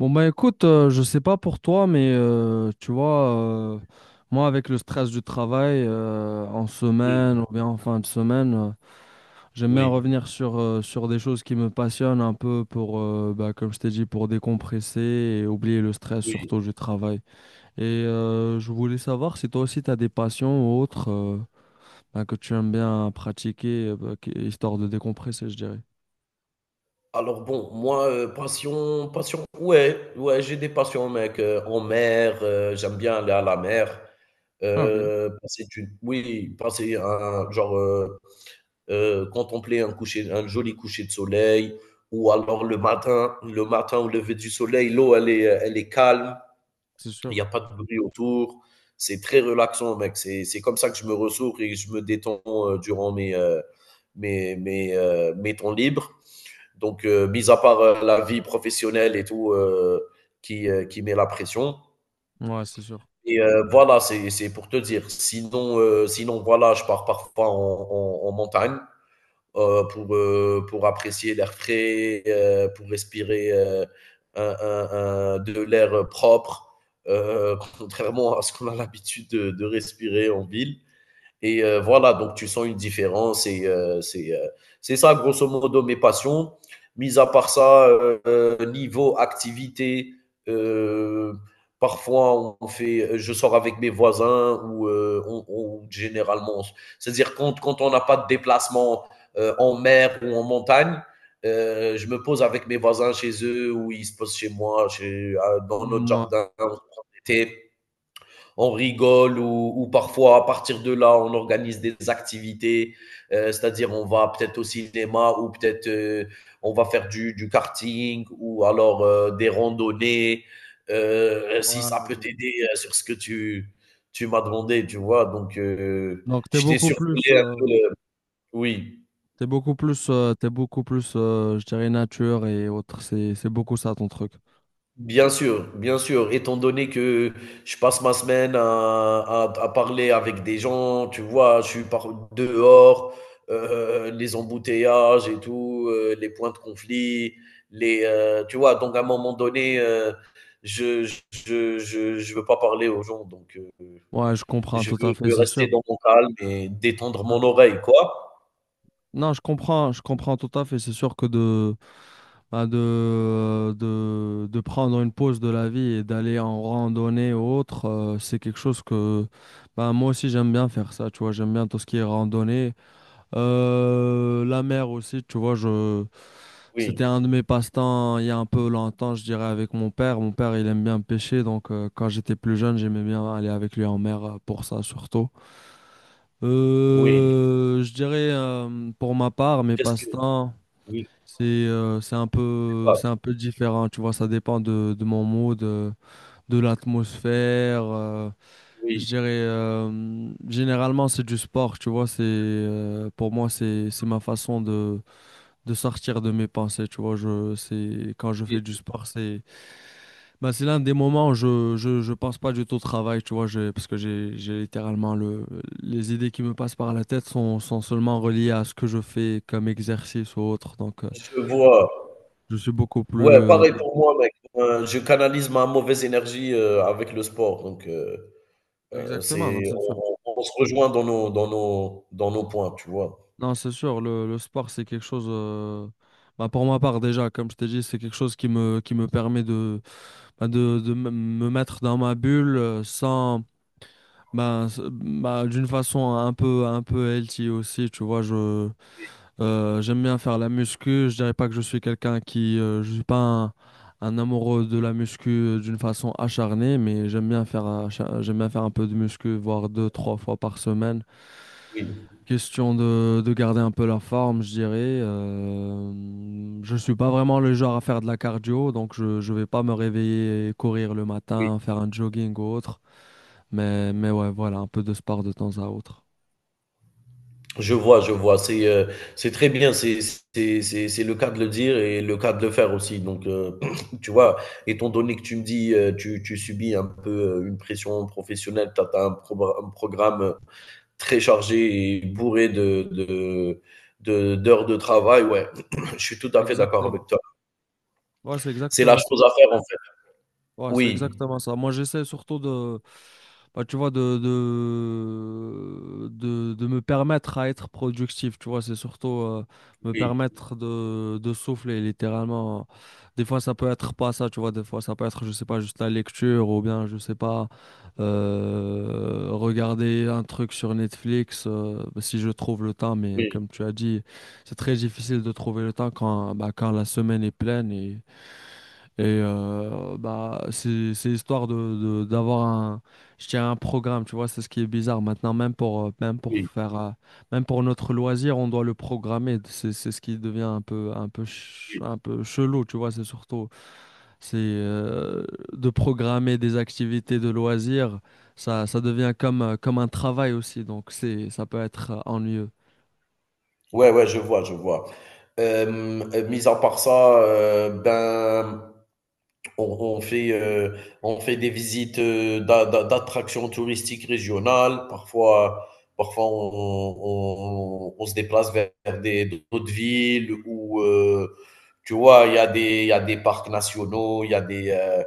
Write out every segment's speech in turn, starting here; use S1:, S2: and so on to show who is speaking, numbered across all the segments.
S1: Bon, bah écoute, je sais pas pour toi, mais tu vois, euh, moi avec le stress du travail en
S2: Oui,
S1: semaine ou bien en fin de semaine, j'aime bien
S2: oui,
S1: revenir sur, sur des choses qui me passionnent un peu pour, bah, comme je t'ai dit, pour décompresser et oublier le stress
S2: oui.
S1: surtout du travail. Et je voulais savoir si toi aussi tu as des passions ou autres bah, que tu aimes bien pratiquer, bah, histoire de décompresser, je dirais.
S2: Alors bon, moi, passion, ouais, ouais, j'ai des passions mec, en mer. J'aime bien aller à la mer.
S1: Ah, ok,
S2: Passer du oui, passer un genre, contempler un coucher un joli coucher de soleil ou alors le matin au lever du soleil, l'eau elle est calme,
S1: c'est
S2: il
S1: sûr.
S2: y a pas de bruit autour. C'est très relaxant mec, c'est comme ça que je me ressource et que je me détends, durant mes temps libres. Donc, mis à part la vie professionnelle et tout, qui met la pression.
S1: Ouais, c'est sûr.
S2: Et voilà, c'est pour te dire. Sinon, sinon voilà, je pars parfois en montagne pour apprécier l'air frais, pour respirer un, un, de l'air propre, contrairement à ce qu'on a l'habitude de respirer en ville. Et voilà, donc tu sens une différence. Et c'est ça, grosso modo, mes passions. Mis à part ça, niveau activité, euh, parfois on fait, je sors avec mes voisins ou généralement, c'est-à-dire quand on n'a pas de déplacement en mer ou en montagne, je me pose avec mes voisins chez eux ou ils se posent chez moi, chez, dans notre
S1: Moi,
S2: jardin, on se prend des on rigole ou parfois à partir de là, on organise des activités, c'est-à-dire on va peut-être au cinéma ou peut-être on va faire du karting ou alors des randonnées, si
S1: ouais,
S2: ça peut t'aider sur ce que tu m'as demandé, tu vois. Donc,
S1: donc, t'es
S2: je t'ai
S1: beaucoup plus,
S2: survolé un peu, le- oui.
S1: t'es beaucoup plus, je dirais, nature et autres. C'est beaucoup ça ton truc.
S2: Bien sûr, étant donné que je passe ma semaine à parler avec des gens, tu vois, je suis par dehors, les embouteillages et tout, les points de conflit, tu vois, donc à un moment donné, je, je, je veux pas parler aux gens, donc
S1: Ouais, je comprends tout à fait,
S2: je veux
S1: c'est sûr.
S2: rester dans mon calme et détendre mon
S1: Ouais.
S2: oreille, quoi.
S1: Non, je comprends tout à fait. C'est sûr que de, bah, de, de prendre une pause de la vie et d'aller en randonnée ou autre, c'est quelque chose que, bah, moi aussi j'aime bien faire ça. Tu vois, j'aime bien tout ce qui est randonnée. La mer aussi, tu vois, je...
S2: Oui,
S1: c'était un de mes passe-temps il y a un peu longtemps, je dirais, avec mon père. Mon père, il aime bien pêcher, donc quand j'étais plus jeune, j'aimais bien aller avec lui en mer pour ça surtout.
S2: oui.
S1: Je dirais, pour ma part, mes
S2: Qu'est-ce que,
S1: passe-temps,
S2: oui,
S1: c'est
S2: tu vois,
S1: c'est un peu différent, tu vois, ça dépend de mon mood, de l'atmosphère. Je
S2: oui,
S1: dirais, généralement, c'est du sport, tu vois, c'est, pour moi, c'est ma façon de sortir de mes pensées, tu vois, je c'est quand je
S2: oui,
S1: fais du sport, c'est ben, c'est l'un des moments où je pense pas du tout au travail, tu vois, parce que j'ai littéralement le les idées qui me passent par la tête sont seulement reliées à ce que je fais comme exercice ou autre. Donc
S2: je vois.
S1: je suis beaucoup
S2: Ouais,
S1: plus
S2: pareil pour moi, mec. Je canalise ma mauvaise énergie, avec le sport, donc
S1: exactement, non,
S2: c'est
S1: c'est sûr.
S2: on on se rejoint dans nos dans nos dans nos points, tu vois?
S1: Non, c'est sûr, le sport c'est quelque chose ben, pour ma part déjà, comme je t'ai dit, c'est quelque chose qui me permet de ben, de me mettre dans ma bulle sans ben, ben, d'une façon un peu healthy aussi, tu vois, je j'aime bien faire la muscu, je dirais pas que je suis quelqu'un qui je suis pas un, un amoureux de la muscu d'une façon acharnée, mais j'aime bien faire j'aime bien faire un peu de muscu, voire deux, trois fois par semaine.
S2: Oui,
S1: Question de garder un peu la forme, je dirais. Je suis pas vraiment le genre à faire de la cardio, donc je vais pas me réveiller et courir le
S2: oui.
S1: matin, faire un jogging ou autre, mais ouais, voilà, un peu de sport de temps à autre.
S2: Je vois, je vois. C'est très bien, c'est c'est le cas de le dire et le cas de le faire aussi, donc tu vois? Étant donné que tu me dis, tu subis un peu, une pression professionnelle, tu as un progra un programme très chargé et bourré d'heures de travail, ouais, je suis tout à fait d'accord avec
S1: Exactement.
S2: toi.
S1: Ouais, c'est
S2: C'est la
S1: exactement ça.
S2: chose à faire en fait.
S1: Ouais, c'est
S2: Oui,
S1: exactement ça. Moi, j'essaie surtout de, bah, tu vois, de me permettre à être productif. Tu vois, c'est surtout me
S2: oui,
S1: permettre de souffler, littéralement. Des fois, ça peut être pas ça, tu vois. Des fois, ça peut être, je sais pas, juste la lecture ou bien, je sais pas, regarder un truc sur Netflix si je trouve le temps. Mais
S2: oui,
S1: comme tu as dit, c'est très difficile de trouver le temps quand, bah, quand la semaine est pleine et. Et bah, c'est histoire de, d'avoir un, je dirais un programme, tu vois, c'est ce qui est bizarre. Maintenant, même pour,
S2: oui,
S1: même pour notre loisir, on doit le programmer. C'est ce qui devient
S2: oui.
S1: un peu chelou, tu vois, c'est surtout, c'est de programmer des activités de loisirs, ça devient comme, comme un travail aussi, donc c'est, ça peut être ennuyeux.
S2: Ouais, ouais, je vois, je vois. Hem, mis à part ça, ben on on fait, euh, on fait des visites d'attractions touristiques régionales. Parfois, parfois on, on se déplace vers des, d'autres villes où, tu vois, il y a des, il y a des parcs nationaux, il y a des...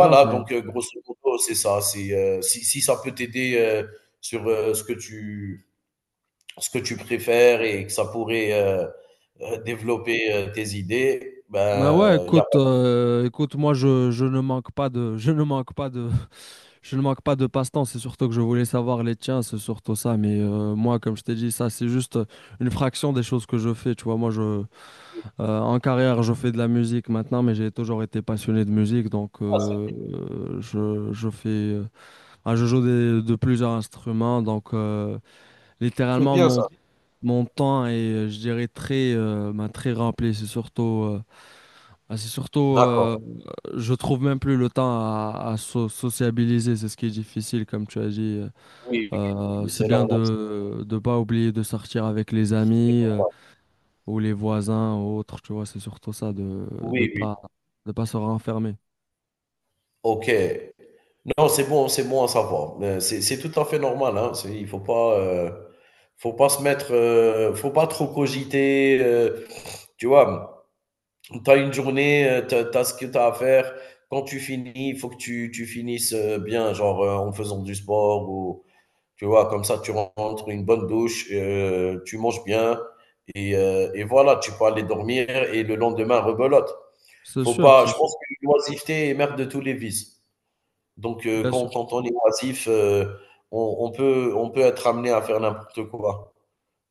S1: Ah, ok.
S2: donc grosso modo, c'est ça. C'est, si ça peut t'aider sur ce que tu préfères et que ça pourrait développer tes idées,
S1: Bah ouais,
S2: ben, il y a pas
S1: écoute, écoute, je ne manque pas de passe-temps, c'est surtout que je voulais savoir les tiens, c'est surtout ça. Mais moi, comme je t'ai dit, ça, c'est juste une fraction des choses que je fais. Tu vois, moi, je,
S2: de-
S1: en carrière, je fais de la musique maintenant, mais j'ai toujours été passionné de musique. Donc,
S2: Ah,
S1: je fais, ah, je joue de plusieurs instruments. Donc,
S2: c'est
S1: littéralement,
S2: bien
S1: mon,
S2: ça.
S1: mon temps est, je dirais, très, ben, très rempli. C'est surtout ah, c'est surtout,
S2: D'accord.
S1: je trouve même plus le temps à sociabiliser, c'est ce qui est difficile, comme tu as dit.
S2: Oui, oui, oui,
S1: C'est
S2: c'est
S1: bien
S2: normal,
S1: de ne pas oublier de sortir avec les
S2: c'est très
S1: amis
S2: normal.
S1: ou les voisins ou autres, tu vois, c'est surtout ça, de
S2: Oui, oui.
S1: pas, de pas se renfermer.
S2: OK. Non, c'est bon à savoir. C'est tout à fait normal, hein. C'est il faut pas se mettre, faut pas trop cogiter, tu vois? Tu as une journée, tu as ce que tu as à faire. Quand tu finis, il faut que tu finisses, bien, genre, en faisant du sport ou tu vois? Comme ça, tu rentres, une bonne douche, tu manges bien et voilà, tu peux aller dormir et le lendemain rebelote. Faut pas,
S1: C'est
S2: je
S1: sûr,
S2: pense que l'oisiveté est mère de tous les vices. Donc
S1: bien
S2: quand
S1: sûr.
S2: quand on est oisif, on on peut être amené à faire n'importe quoi,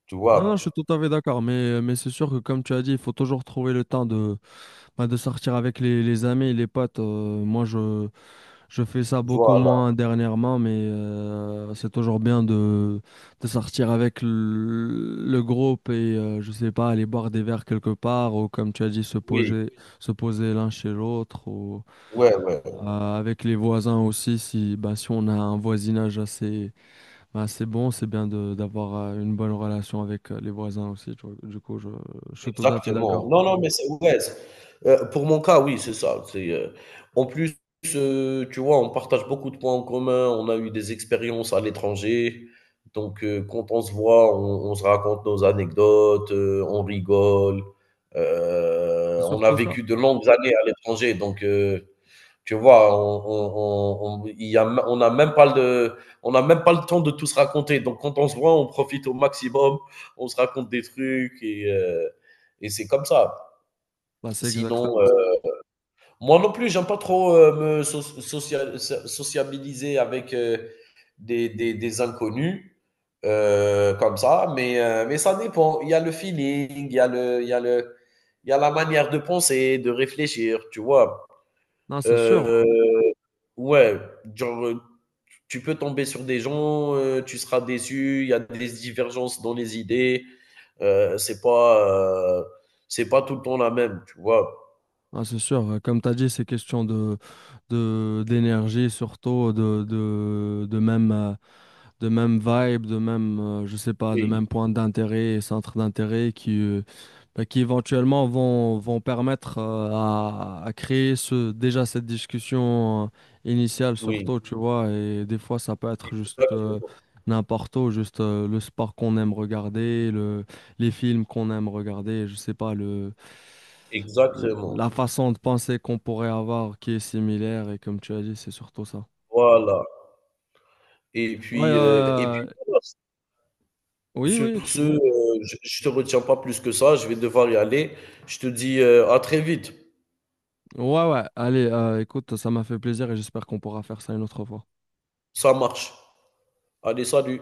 S2: tu
S1: Non, non, je suis
S2: vois?
S1: tout à fait d'accord, mais c'est sûr que comme tu as dit, il faut toujours trouver le temps de bah, de sortir avec les amis et les potes, moi je, je fais ça beaucoup
S2: Voilà,
S1: moins dernièrement, mais c'est toujours bien de sortir avec le groupe et je sais pas, aller boire des verres quelque part ou comme tu as dit,
S2: oui,
S1: se poser l'un chez l'autre ou
S2: ouais, ouais.
S1: avec les voisins aussi. Si, bah, si on a un voisinage assez, bah, assez bon, c'est bien de, d'avoir une bonne relation avec les voisins aussi. Tu vois. Du coup, je suis tout à fait
S2: Exactement.
S1: d'accord.
S2: Non, non, mais c'est ouais, c'est- pour mon cas, oui, c'est ça. C'est, en plus, tu vois, on partage beaucoup de points en commun, on a eu des expériences à l'étranger. Donc, quand on se voit, on se raconte nos anecdotes, on rigole.
S1: C'est
S2: On a
S1: surtout ça.
S2: vécu de longues années à l'étranger, donc, tu vois, on n'a on a même pas on a même pas le temps de tout se raconter. Donc, quand on se voit, on profite au maximum, on se raconte des trucs et c'est comme ça.
S1: Bah, c'est
S2: Sinon,
S1: exactement ça.
S2: moi non plus, j'aime pas trop me so social sociabiliser avec des inconnus comme ça, mais ça dépend. Il y a le feeling, il y a la manière de penser, de réfléchir, tu vois.
S1: Non, c'est sûr,
S2: Euh,
S1: hein.
S2: Ouais, genre, tu peux tomber sur des gens, tu seras déçu, il y a des divergences dans les idées, heu, c'est pas, heu, c'est pas tout le temps la même, tu vois?
S1: Non, c'est sûr, ouais. Comme tu as dit, c'est question de, d'énergie, surtout de même, de même vibe, de même, je sais pas, de
S2: Oui,
S1: même point d'intérêt, centre d'intérêt qui, bah, qui éventuellement vont permettre à créer ce, déjà cette discussion initiale
S2: oui,
S1: surtout, tu vois, et des fois ça peut être juste
S2: exactement,
S1: n'importe où, juste le sport qu'on aime regarder, le, les films qu'on aime regarder, je sais pas, le, la
S2: exactement,
S1: façon de penser qu'on pourrait avoir qui est similaire, et comme tu as dit, c'est surtout ça.
S2: voilà
S1: Ouais,
S2: et puis voilà,
S1: oui,
S2: sur
S1: oui,
S2: ce,
S1: excuse-moi.
S2: je te retiens pas plus que ça, je vais devoir y aller. Je te dis, à très vite.
S1: Ouais, ouais, allez, écoute, ça m'a fait plaisir et j'espère qu'on pourra faire ça une autre fois.
S2: Ça marche. Allez, salut.